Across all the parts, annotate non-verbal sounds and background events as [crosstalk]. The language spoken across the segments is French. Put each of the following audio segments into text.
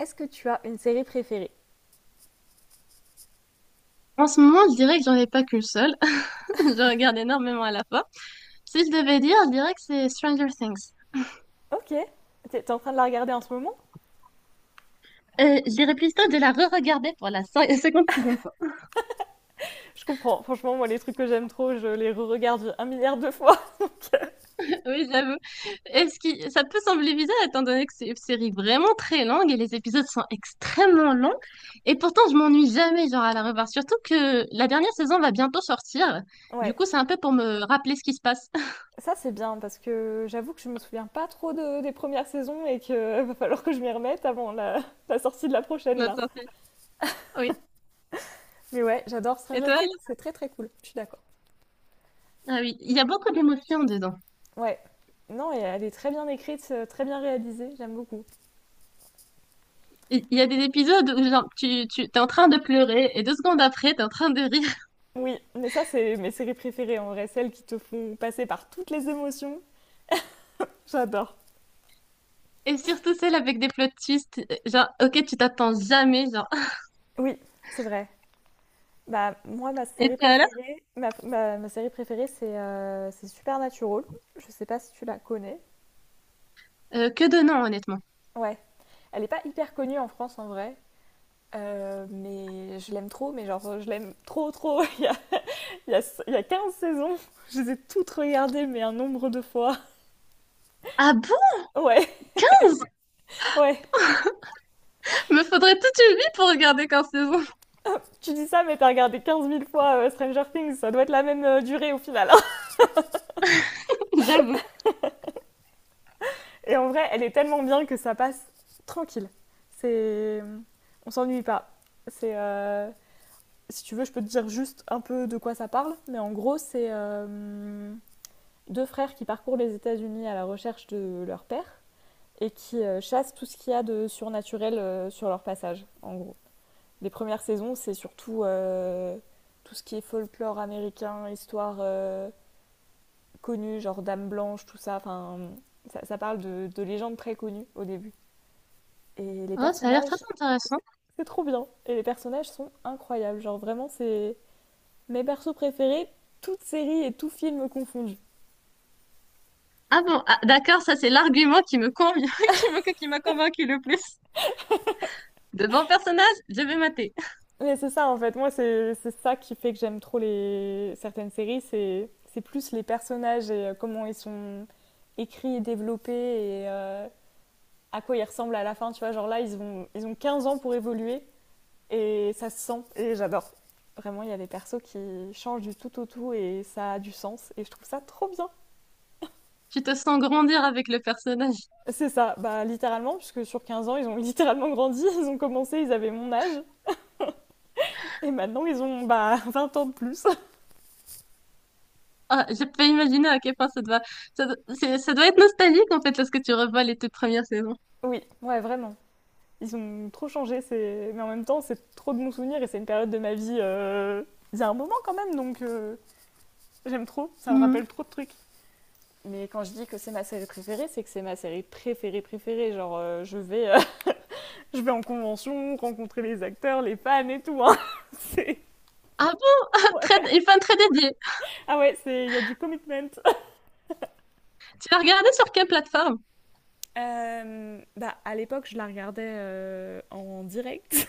Est-ce que tu as une série préférée? En ce moment, je dirais que j'en ai pas qu'une seule. [laughs] Je regarde énormément à la fois. Si je devais dire, je dirais que c'est Stranger Things. Ok. T'es en train de la regarder en ce moment? Je dirais plutôt de la re-regarder pour la 56e fois. [laughs] Je comprends. Franchement, moi, les trucs que j'aime trop, je les re-regarde un milliard de fois. [laughs] Oui, j'avoue. Est-ce que ça peut sembler bizarre étant donné que c'est une série vraiment très longue et les épisodes sont extrêmement longs. Et pourtant, je m'ennuie jamais genre à la revoir. Surtout que la dernière saison va bientôt sortir. Du Ouais. coup, c'est un peu pour me rappeler ce qui se passe. [laughs] Ça, c'est bien parce que j'avoue que je me souviens pas trop des premières saisons et qu'il [laughs] va falloir que je m'y remette avant la, la sortie de la prochaine, La là. sortie. Oui. Mais ouais, j'adore Et Stranger toi? Things. C'est très, très cool. Je suis d'accord. Ah oui, il y a beaucoup d'émotions dedans. Ouais. Non, et elle est très bien écrite, très bien réalisée, j'aime beaucoup. Il y a des épisodes où genre, tu t'es en train de pleurer et deux secondes après, t'es en train de rire. [laughs] Oui, mais ça, c'est mes séries préférées en vrai, celles qui te font passer par toutes les émotions. J'adore. Et surtout celle avec des plots twists, genre, ok, tu t'attends jamais, genre. [laughs] Oui, c'est vrai. Bah, moi, ma Et série puis alors? préférée, ma série préférée, c'est Supernatural. Je sais pas si tu la connais. Que de noms, honnêtement. Ouais. Elle n'est pas hyper connue en France en vrai, mais je l'aime trop. Mais genre, je l'aime trop, trop. [laughs] Il y a, il y a 15 saisons. Je les ai toutes regardées, mais un nombre de fois. Ah bon? Ouais, ouais. Me faudrait toute une vie pour regarder 15 saisons, Tu dis ça, mais t'as regardé quinze mille fois Stranger Things. Ça doit être la même durée au final, hein. [laughs] [laughs] j'avoue. Et en vrai, elle est tellement bien que ça passe tranquille. C'est... On s'ennuie pas. C'est... euh, Si tu veux, je peux te dire juste un peu de quoi ça parle, mais en gros, c'est deux frères qui parcourent les États-Unis à la recherche de leur père et qui chassent tout ce qu'il y a de surnaturel sur leur passage, en gros. Les premières saisons, c'est surtout tout ce qui est folklore américain, histoire connue, genre Dame Blanche, tout ça. Enfin, ça parle de légendes très connues au début. Et les Oh, ça a l'air très personnages, intéressant. c'est trop bien. Et les personnages sont incroyables. Genre, vraiment, c'est mes persos préférés, toutes séries et tout film confondus. Ah bon, ah, d'accord, ça c'est l'argument qui me convient, [laughs] qui m'a convaincu le plus. De bons personnages, je vais mater. Mais c'est ça en fait, moi c'est ça qui fait que j'aime trop les certaines séries, c'est plus les personnages et comment ils sont écrits et développés et à quoi ils ressemblent à la fin, tu vois, genre là ils ont 15 ans pour évoluer et ça se sent et j'adore. Vraiment, il y a des persos qui changent du tout au tout et ça a du sens et je trouve ça trop bien. Tu te sens grandir avec le personnage. C'est ça, bah littéralement puisque sur 15 ans, ils ont littéralement grandi, [laughs] ils ont commencé, ils avaient mon âge. Et maintenant, ils ont bah, [laughs] 20 ans de plus. Ah, je peux imaginer à quel point ça doit, c'est- ça doit être nostalgique en fait lorsque tu revois les toutes premières saisons. Oui, ouais, vraiment. Ils ont trop changé, c'est... mais en même temps, c'est trop de bons souvenirs et c'est une période de ma vie. Il y a un moment quand même, donc j'aime trop, ça me Mhm. rappelle trop de trucs. Mais quand je dis que c'est ma série préférée, c'est que c'est ma série préférée préférée. Genre, je vais, [laughs] je vais en convention, rencontrer les acteurs, les fans et tout, hein. [laughs] C'est- Ah bon, très, ouais. une fin très dédiée. Ah ouais, c'est- il y a du commitment. Tu l'as regardé sur quelle plateforme? Bah, à l'époque, je la regardais en direct.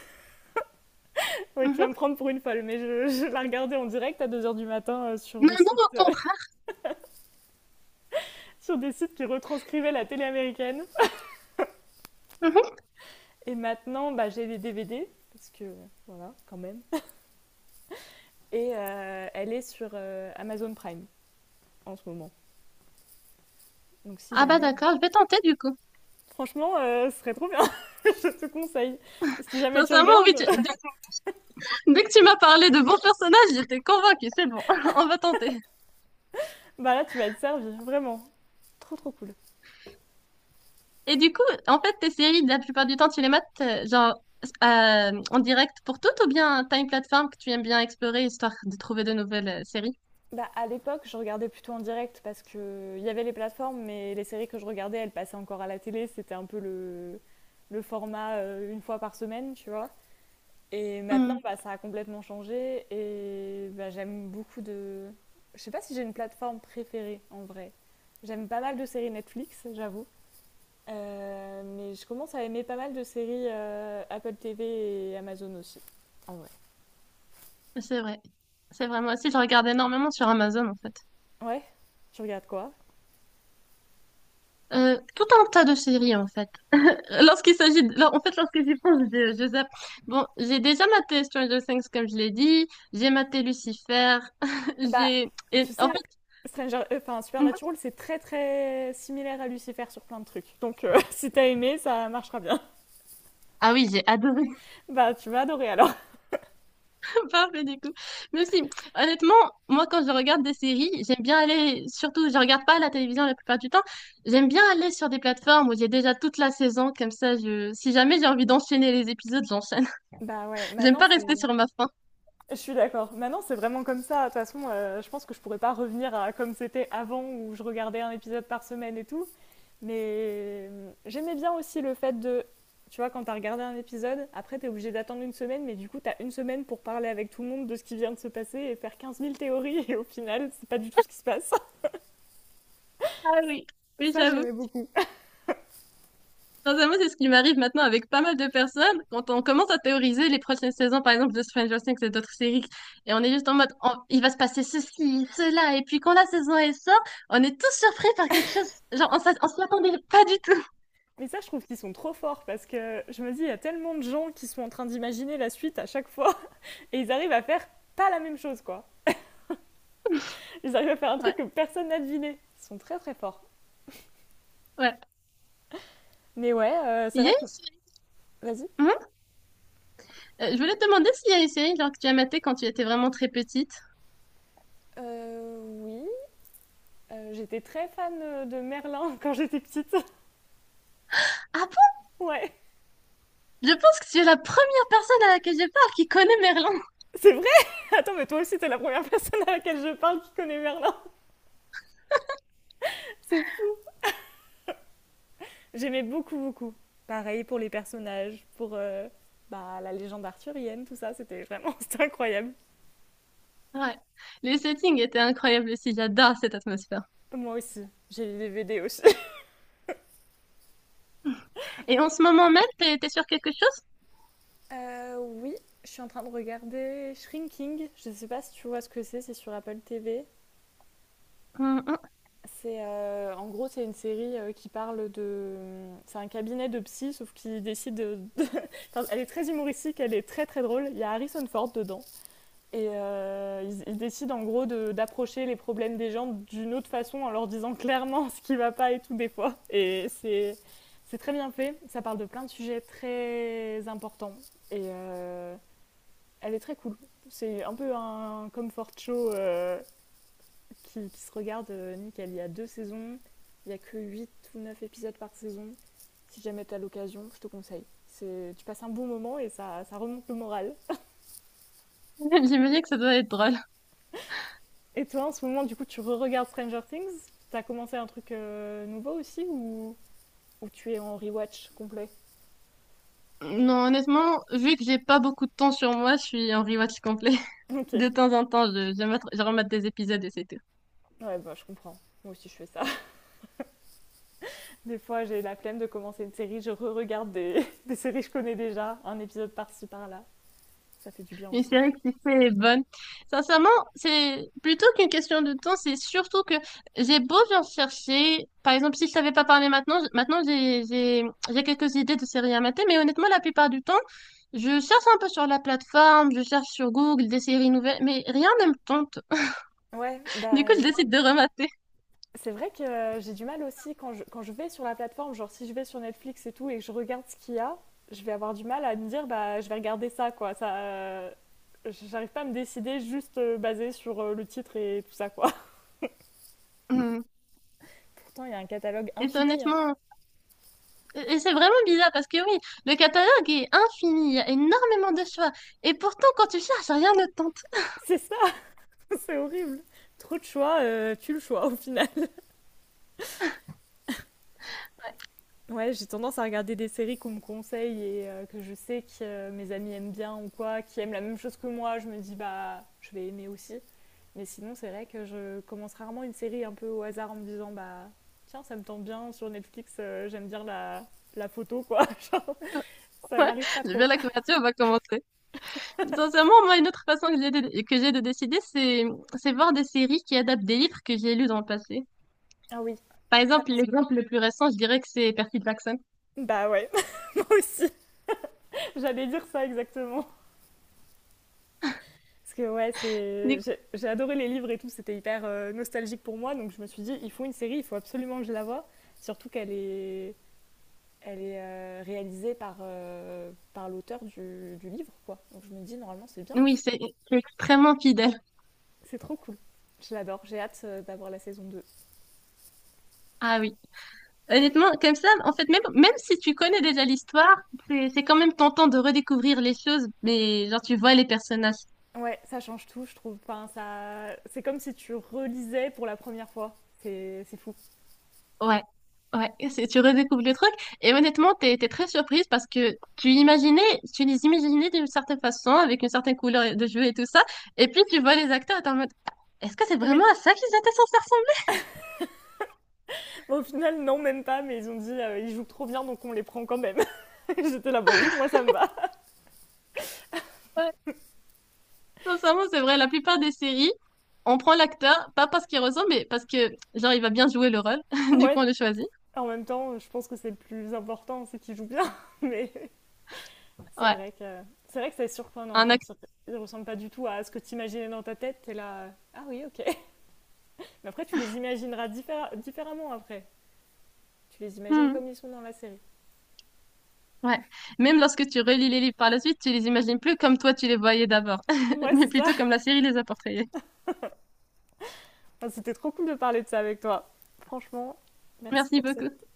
Oui, tu vas me Mhm. prendre pour une folle, mais je la regardais en direct à 2 heures du matin sur Non, des non, sites, au contraire. [laughs] sur des sites qui retranscrivaient la télé américaine. Mhm. Et maintenant, bah, j'ai les DVD, parce que voilà, quand même. Et elle est sur Amazon Prime en ce moment. Donc si Ah bah jamais, d'accord, je vais tenter du coup. franchement, ce serait trop bien, [laughs] je te conseille. Si jamais tu Sincèrement, oui, regardes, tu- dès, dès que tu m'as parlé de bons personnages, j'étais convaincue, c'est bon, [laughs] on va tenter. [laughs] bah là, tu vas être servi, vraiment. Trop trop cool. Et du coup, en fait, tes séries, la plupart du temps, tu les mates genre en direct pour toutes ou bien t'as une plateforme que tu aimes bien explorer histoire de trouver de nouvelles séries? Bah, à l'époque, je regardais plutôt en direct parce que il y avait les plateformes, mais les séries que je regardais, elles passaient encore à la télé. C'était un peu le format une fois par semaine, tu vois. Et maintenant, bah, ça a complètement changé et bah, j'aime beaucoup de... Je sais pas si j'ai une plateforme préférée en vrai. J'aime pas mal de séries Netflix, j'avoue. Mais je commence à aimer pas mal de séries Apple TV et Amazon aussi, en vrai. C'est vrai. C'est vrai, moi aussi, je regarde énormément sur Amazon, en fait. Ouais, tu regardes quoi? Tout un tas de séries, en fait. Lorsqu'il s'agit de… En fait, lorsque j'y pense, je zappe. Bon, j'ai déjà maté Stranger Things, comme je l'ai dit. J'ai maté Lucifer. [laughs] Bah, J'ai… et tu en fait… sais, [laughs] mhm. Supernatural, c'est très très similaire à Lucifer sur plein de trucs. Donc, [laughs] si t'as aimé, ça marchera bien. [laughs] Ah oui, j'ai adoré. Bah, tu vas adorer alors. [laughs] Parfait, du coup. Mais aussi, honnêtement, moi, quand je regarde des séries, j'aime bien aller… Surtout, je regarde pas la télévision la plupart du temps. J'aime bien aller sur des plateformes où j'ai déjà toute la saison. Comme ça, je… si jamais j'ai envie d'enchaîner les épisodes, j'enchaîne. Bah ouais, J'aime maintenant pas rester c'est. sur ma faim. Je suis d'accord. Maintenant c'est vraiment comme ça. De toute façon, je pense que je pourrais pas revenir à comme c'était avant où je regardais un épisode par semaine et tout. Mais j'aimais bien aussi le fait de. Tu vois, quand t'as regardé un épisode, après t'es obligé d'attendre une semaine, mais du coup t'as une semaine pour parler avec tout le monde de ce qui vient de se passer et faire quinze mille théories, [laughs] et au final, c'est pas du tout ce qui se passe. Ah oui, oui, Ça, j'avoue. j'aimais beaucoup. Sincèrement, c'est ce qui m'arrive maintenant avec pas mal de personnes. Quand on commence à théoriser les prochaines saisons, par exemple, de Stranger Things et d'autres séries, et on est juste en mode, on- il va se passer ceci, cela, et puis quand la saison elle sort, on est tous surpris par quelque chose. Genre, on s'a- on s'y attendait pas du tout. [laughs] Mais ça, je trouve qu'ils sont trop forts parce que je me dis, il y a tellement de gens qui sont en train d'imaginer la suite à chaque fois [laughs] et ils arrivent à faire pas la même chose, quoi. Ils arrivent à faire un truc Ouais, que personne n'a deviné. Ils sont très très forts. ouais. Mais ouais, c'est Il y vrai a que. Vas-y. une- hmm Je voulais te demander s'il y a une série genre, que tu as matée quand tu étais vraiment très petite. Oui. J'étais très fan de Merlin [laughs] quand j'étais petite. Ah bon? Ouais. Je pense que tu es la première personne à laquelle je parle qui connaît Merlin. C'est vrai. [laughs] Attends, mais toi aussi, t'es la première personne à laquelle je parle qui connaît Merlin. C'est fou. J'aimais beaucoup, beaucoup. Pareil pour les personnages, pour bah, la légende arthurienne, tout ça, c'était vraiment [laughs] c'était incroyable. Ouais. Les settings étaient incroyables aussi. J'adore cette atmosphère. Moi aussi, j'ai les DVD aussi. [laughs] Et en ce moment même, t'es sur quelque chose? Oui, je suis en train de regarder Shrinking. Je ne sais pas si tu vois ce que c'est sur Apple TV. Hum, hum. C'est en gros c'est une série qui parle de c'est un cabinet de psy sauf qu'il décide de... [laughs] Enfin, elle est très humoristique, elle est très très drôle. Il y a Harrison Ford dedans. Et ils décident en gros d'approcher les problèmes des gens d'une autre façon en leur disant clairement ce qui va pas et tout des fois. Et c'est très bien fait. Ça parle de plein de sujets très importants. Et elle est très cool. C'est un peu un comfort show qui se regarde nickel. Il y a deux saisons. Il y a que 8 ou 9 épisodes par saison. Si jamais tu as l'occasion, je te conseille. C'est- Tu passes un bon moment et ça remonte le moral. [laughs] J'imagine que ça doit être drôle. Et toi, en ce moment, du coup, tu re-regardes Stranger Things? T'as commencé un truc nouveau aussi ou tu es en rewatch complet? Non, honnêtement, vu que j'ai pas beaucoup de temps sur moi, je suis en rewatch complet. [laughs] [laughs] Ok. De temps en temps, je remate des épisodes et c'est tout. Ouais, bah je comprends. Moi aussi, je fais ça. [laughs] Des fois, j'ai la flemme de commencer une série, je re-regarde des... [laughs] des séries que je connais déjà, un épisode par-ci, par-là. Ça fait du bien Une aussi. série qui fait bonne. Sincèrement, c'est plutôt qu'une question de temps, c'est surtout que j'ai beau bien chercher. Par exemple, si je savais pas parler maintenant, j- maintenant j'ai quelques idées de séries à mater, mais honnêtement, la plupart du temps, je cherche un peu sur la plateforme, je cherche sur Google des séries nouvelles, mais rien ne me tente. Ouais, Du coup, je décide de remater. c'est vrai que j'ai du mal aussi quand quand je vais sur la plateforme, genre si je vais sur Netflix et tout et que je regarde ce qu'il y a, je vais avoir du mal à me dire bah je vais regarder ça quoi. J'arrive pas à me décider juste basé sur le titre et tout ça quoi. Mm. [laughs] Pourtant, il y a un catalogue Et c'est infini, hein. honnêtement, et c'est vraiment bizarre parce que oui, le catalogue est infini, il y a énormément de choix. Et pourtant, quand tu cherches, rien ne te tente. [laughs] C'est ça, [laughs] c'est horrible. Trop de choix, tu le choix au final. Ouais, j'ai tendance à regarder des séries qu'on me conseille et que je sais que mes amis aiment bien ou quoi, qui aiment la même chose que moi. Je me dis, bah, je vais aimer aussi. Mais sinon, c'est vrai que je commence rarement une série un peu au hasard en me disant, bah, tiens, ça me tente bien sur Netflix, j'aime bien la, la photo, quoi. [laughs] Genre, ça Ouais, m'arrive pas j'aime bien trop. la couverture, on va commencer. Sincèrement, moi, une autre façon que j'ai de décider, c'est voir des séries qui adaptent des livres que j'ai lus dans le passé. Ah oui. Par exemple, l'exemple le plus récent, je dirais que c'est Percy Jackson. Bah ouais, [laughs] moi aussi. J'allais dire ça exactement. Parce que ouais, Du- c'est... coup, j'ai adoré les livres et tout, c'était hyper nostalgique pour moi, donc je me suis dit, il faut une série, il faut absolument que je la voie, surtout qu'elle est, elle est réalisée par, par l'auteur du livre, quoi. Donc je me dis, normalement, c'est bien, Oui, c'est extrêmement fidèle. c'est trop cool. Je l'adore, j'ai hâte d'avoir la saison deux. Ah oui. Honnêtement, comme ça, en fait, même si tu connais déjà l'histoire, c'est quand même tentant de redécouvrir les choses, mais genre tu vois les personnages. Ouais, ça change tout, je trouve. Enfin, ça... C'est comme si tu relisais pour la première fois. C'est fou. Ouais, ouais, c'est, tu redécouvres le truc. Et honnêtement, t'es très surprise parce que tu imaginais, tu les imaginais d'une certaine façon, avec une certaine couleur de jeu et tout ça, et puis tu vois les acteurs et t'es en mode, est-ce que c'est Oui, vraiment à ça qu'ils étaient censés ressembler? bon, au final, non, même pas, mais ils ont dit, ils jouent trop bien, donc on les prend quand même. [laughs] J'étais là, bah oui, moi ça me va. Sincèrement, c'est vrai. La plupart des séries, on prend l'acteur, pas parce qu'il ressemble, mais parce que, genre, il va bien jouer le rôle. [laughs] [laughs] Du coup, on Ouais, le choisit. en même temps, je pense que c'est le plus important, c'est qu'il joue bien. [laughs] Mais c'est Ouais. vrai que c'est vrai que c'est surprenant Un quand acteur. ils ressemblent pas du tout à ce que tu imaginais dans ta tête. T'es là, ah oui, ok. [laughs] Mais après, tu les imagineras différemment après. Tu les imagines comme ils sont dans la série. Ouais. Même lorsque tu relis les livres par la suite, tu les imagines plus comme toi tu les voyais d'abord, [laughs] Ouais, mais c'est ça. plutôt comme la série les a portrayés. Enfin, c'était trop cool de parler de ça avec toi. Franchement, merci Merci pour beaucoup. cette